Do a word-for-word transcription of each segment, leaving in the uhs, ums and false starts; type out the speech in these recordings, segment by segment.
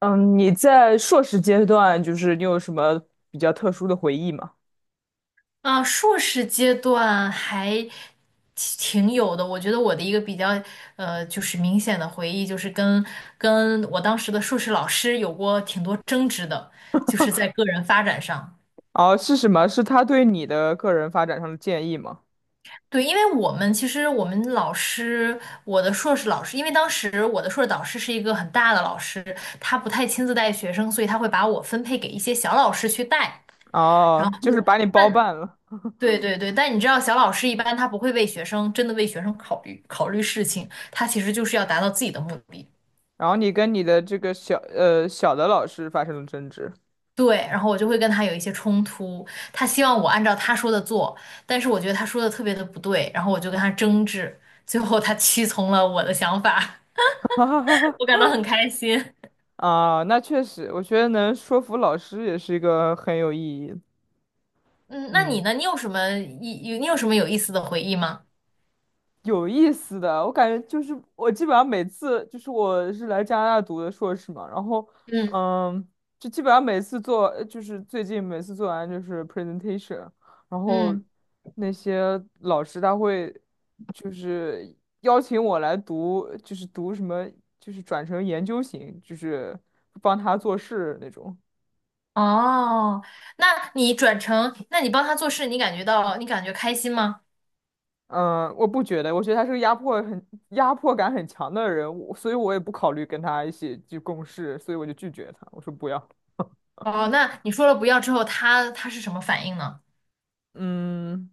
嗯，你在硕士阶段，就是你有什么比较特殊的回忆吗？啊，硕士阶段还挺挺有的。我觉得我的一个比较呃，就是明显的回忆，就是跟跟我当时的硕士老师有过挺多争执的，就是在个人发展上。哦，是什么？是他对你的个人发展上的建议吗？对，因为我们其实我们老师，我的硕士老师，因为当时我的硕士导师是一个很大的老师，他不太亲自带学生，所以他会把我分配给一些小老师去带。然哦，后，就是把你包但办了，对对对，但你知道，小老师一般他不会为学生真的为学生考虑考虑事情，他其实就是要达到自己的目的。然后你跟你的这个小呃小的老师发生了争执。对，然后我就会跟他有一些冲突，他希望我按照他说的做，但是我觉得他说的特别的不对，然后我就跟他争执，最后他屈从了我的想法，哈哈哈 我哈感到很开心。啊，那确实，我觉得能说服老师也是一个很有意义的。嗯，那你嗯。呢？你有什么一有你有什么有意思的回忆吗？有意思的，我感觉就是我基本上每次就是我是来加拿大读的硕士嘛，然后嗯嗯，就基本上每次做呃就是最近每次做完就是 presentation，然后嗯。那些老师他会就是邀请我来读，就是读什么就是转成研究型，就是帮他做事那种。哦，那你转成，那你帮他做事，你感觉到你感觉开心吗？嗯，我不觉得，我觉得他是个压迫很压迫感很强的人，我所以我也不考虑跟他一起去共事，所以我就拒绝他，我说不要。哦，那你说了不要之后，他他是什么反应呢？嗯，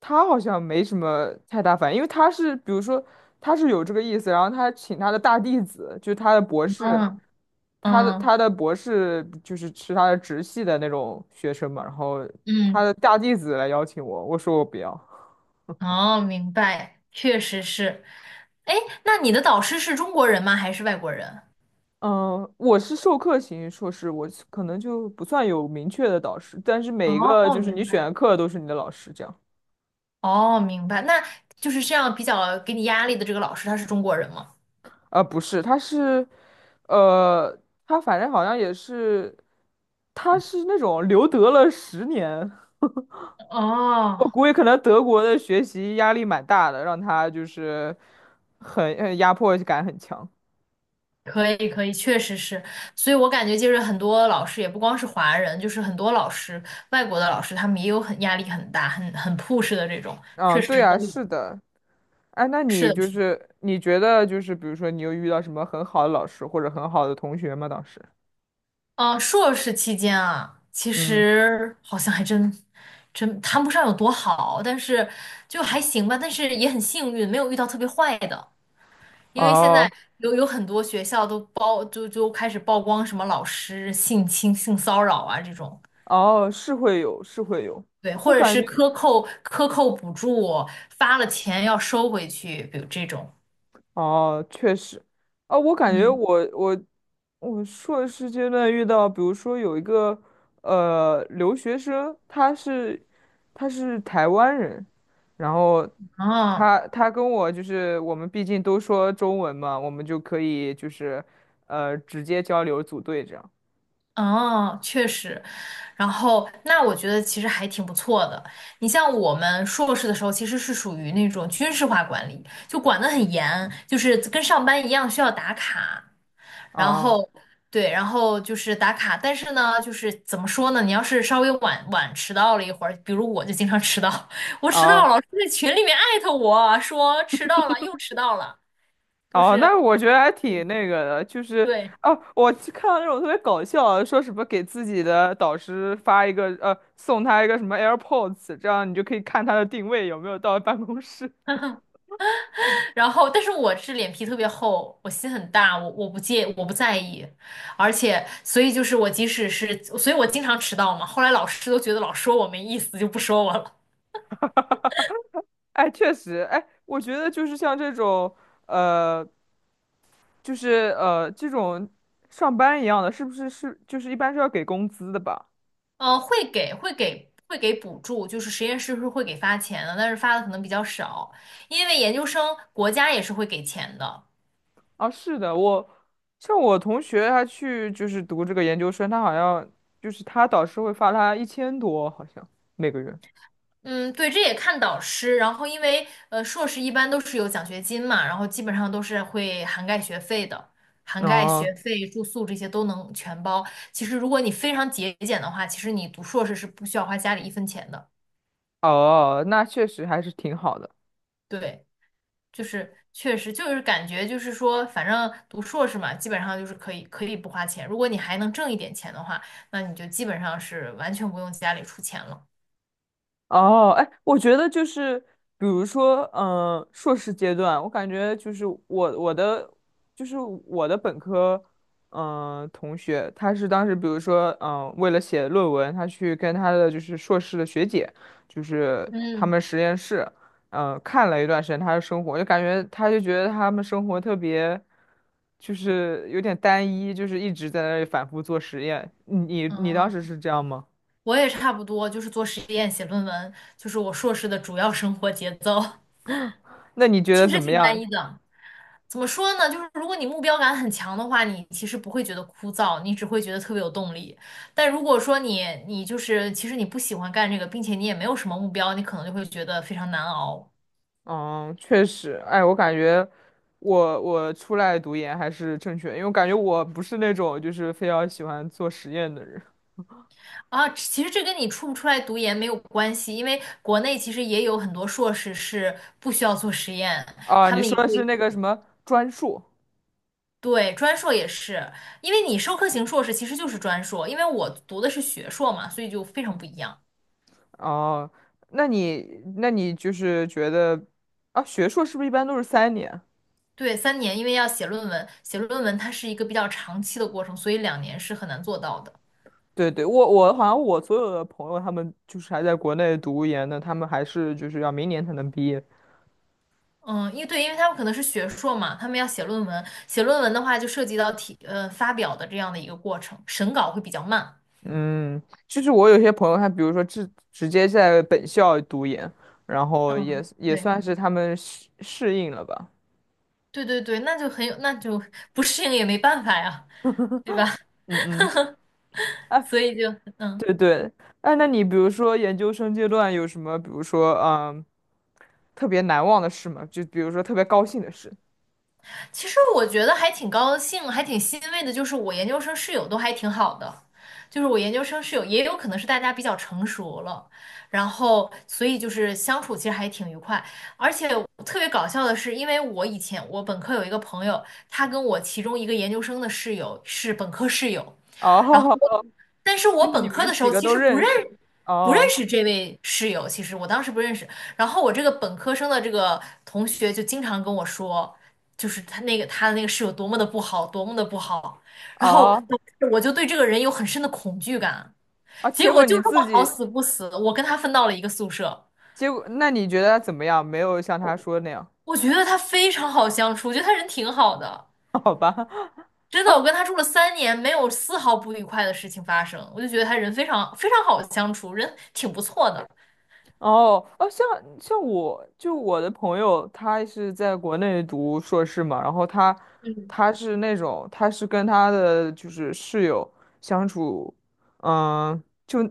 他好像没什么太大反应，因为他是比如说他是有这个意思，然后他请他的大弟子，就是他的博士，嗯他的嗯他的博士就是是他的直系的那种学生嘛，然后他嗯，的大弟子来邀请我，我说我不要。哦，明白，确实是。哎，那你的导师是中国人吗？还是外国人？嗯，我是授课型硕士，我是可能就不算有明确的导师，但是每一哦，个就是你明选白。的课都是你的老师这样。哦，明白。那就是这样比较给你压力的这个老师，他是中国人吗？啊、不是，他是，呃，他反正好像也是，他是那种留德了十年，哦，我估计可能德国的学习压力蛮大的，让他就是很呃压迫感很强。可以可以，确实是，所以我感觉就是很多老师也不光是华人，就是很多老师，外国的老师他们也有很压力很大、很很 push 的这种，嗯，确实对都啊，有。是的。哎，那你是就的是你觉得就是比如说你有遇到什么很好的老师或者很好的同学吗？当时？嗯，硕士期间啊，其嗯。实好像还真真谈不上有多好，但是就还行吧。但是也很幸运，没有遇到特别坏的，因为现哦在有有很多学校都曝就就开始曝光什么老师性侵、性骚扰啊这种，哦，是会有，是会有。对，我或者感是觉克扣克扣补助，发了钱要收回去，比如这种。哦，确实，啊，我感觉嗯，我我我硕士阶段遇到，比如说有一个呃留学生，他是他是台湾人，然后啊，他他跟我就是我们毕竟都说中文嘛，我们就可以就是呃直接交流组队这样。哦，确实，然后那我觉得其实还挺不错的。你像我们硕士的时候，其实是属于那种军事化管理，就管得很严，就是跟上班一样需要打卡，然哦后对，然后就是打卡。但是呢，就是怎么说呢？你要是稍微晚晚迟到了一会儿，比如我就经常迟到，我迟到了，哦老师在群里面艾特我说迟到了，又迟到了，就哦，是那我觉得还挺那个的，就是对。哦，我去看到那种特别搞笑的说什么给自己的导师发一个呃，送他一个什么 AirPods，这样你就可以看他的定位有没有到办公室。然后，但是我是脸皮特别厚，我心很大，我我不介，我不在意，而且，所以就是我即使是，所以我经常迟到嘛。后来老师都觉得老说我没意思，就不说我了。哎，确实，哎，我觉得就是像这种呃，就是呃这种上班一样的，是不是是就是一般是要给工资的吧？呃，会给会给会给补助，就是实验室是会给发钱的，但是发的可能比较少，因为研究生国家也是会给钱的。啊，是的，我像我同学他去就是读这个研究生，他好像就是他导师会发他一千多，好像每个月。嗯，对，这也看导师。然后，因为呃，硕士一般都是有奖学金嘛，然后基本上都是会涵盖学费的，涵盖哦学费、住宿这些都能全包。其实，如果你非常节俭的话，其实你读硕士是不需要花家里一分钱的。哦，那确实还是挺好的。对，就是确实就是感觉就是说，反正读硕士嘛，基本上就是可以可以不花钱。如果你还能挣一点钱的话，那你就基本上是完全不用家里出钱了。哦，哎，我觉得就是，比如说，嗯、硕士阶段，我感觉就是我我的就是我的本科，嗯、同学，他是当时比如说，嗯、为了写论文，他去跟他的就是硕士的学姐，就是他嗯，们实验室，嗯、看了一段时间他的生活，就感觉他就觉得他们生活特别，就是有点单一，就是一直在那里反复做实验。你你你当时嗯，是这样吗？我也差不多，就是做实验、写论文，就是我硕士的主要生活节奏，那你觉得其怎实么挺单样？一的。怎么说呢？就是如果你目标感很强的话，你其实不会觉得枯燥，你只会觉得特别有动力。但如果说你你就是其实你不喜欢干这个，并且你也没有什么目标，你可能就会觉得非常难熬嗯，确实，哎，我感觉我我出来读研还是正确，因为我感觉我不是那种就是非常喜欢做实验的人。啊。其实这跟你出不出来读研没有关系，因为国内其实也有很多硕士是不需要做实验，啊。他你们说也的是会。那个什么专硕。对，专硕也是，因为你授课型硕士其实就是专硕，因为我读的是学硕嘛，所以就非常不一样。哦？那你那你就是觉得啊，学硕是不是一般都是三年？对，三年，因为要写论文，写论文它是一个比较长期的过程，所以两年是很难做到的。对对，我我好像我所有的朋友他们就是还在国内读研的，他们还是就是要明年才能毕业。嗯，因为对，因为他们可能是学硕嘛，他们要写论文，写论文的话就涉及到提呃发表的这样的一个过程，审稿会比较慢。嗯，就是我有些朋友，他比如说直直接在本校读研，然后也嗯，也对，算是他们适适应了吧。对对对，那就很有，那就 不适应也没办法呀，对吧？嗯嗯，哎，所以就嗯。对对，哎，那你比如说研究生阶段有什么，比如说嗯，特别难忘的事吗？就比如说特别高兴的事。其实我觉得还挺高兴，还挺欣慰的，就是我研究生室友都还挺好的，就是我研究生室友也有可能是大家比较成熟了，然后所以就是相处其实还挺愉快，而且特别搞笑的是，因为我以前我本科有一个朋友，他跟我其中一个研究生的室友是本科室友。哦，然后我，但是就我是你本科的们时几候个其都实不认认识。不认哦识这位室友，其实我当时不认识。然后我这个本科生的这个同学就经常跟我说，就是他那个他的那个室友多么的不好，多么的不好。然后哦导致我就对这个人有很深的恐惧感。啊，结结果果就你这么自好己，死不死，我跟他分到了一个宿舍。结果那你觉得他怎么样？没有像他说那样，我觉得他非常好相处，我觉得他人挺好的，好吧？真的，我跟他住了三年，没有丝毫不愉快的事情发生，我就觉得他人非常非常好相处，人挺不错的。哦哦，像像我就我的朋友，他是在国内读硕士嘛，然后他嗯他是那种他是跟他的就是室友相处，嗯，就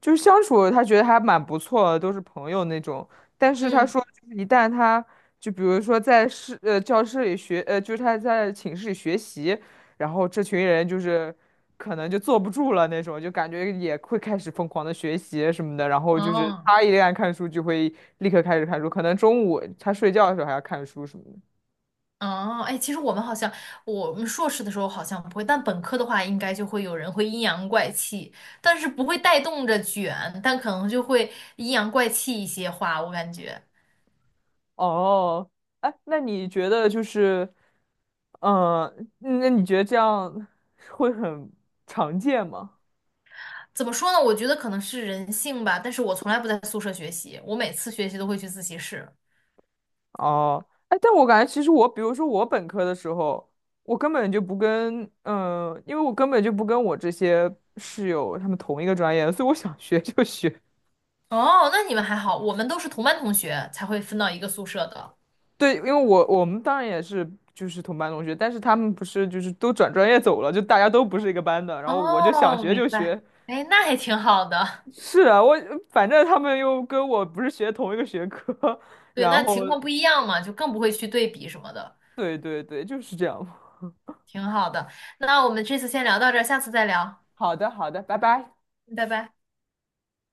就是相处，他觉得还蛮不错的都是朋友那种。但是他嗯，说，就是一旦他就比如说在室呃教室里学呃，就是他在寝室里学习，然后这群人就是。可能就坐不住了那种，就感觉也会开始疯狂的学习什么的，然后就是哦他一旦看书就会立刻开始看书，可能中午他睡觉的时候还要看书什么的。哦，哎，其实我们好像，我们硕士的时候好像不会，但本科的话，应该就会有人会阴阳怪气，但是不会带动着卷，但可能就会阴阳怪气一些话，我感觉。哦，哎，那你觉得就是，嗯、那你觉得这样会很常见吗？怎么说呢？我觉得可能是人性吧，但是我从来不在宿舍学习，我每次学习都会去自习室。哦，哎，但我感觉其实我，比如说我本科的时候，我根本就不跟，嗯、因为我根本就不跟我这些室友他们同一个专业，所以我想学就学。哦，那你们还好，我们都是同班同学才会分到一个宿舍的。对，因为我我们当然也是就是同班同学，但是他们不是就是都转专业走了，就大家都不是一个班的。然后我就想哦，学明就白。学，哎，那还挺好的。是啊，我反正他们又跟我不是学同一个学科，对，然那后情况不一样嘛，就更不会去对比什么的。对对对，就是这样。挺好的。那我们这次先聊到这儿，下次再聊，好的好的，拜拜。拜拜。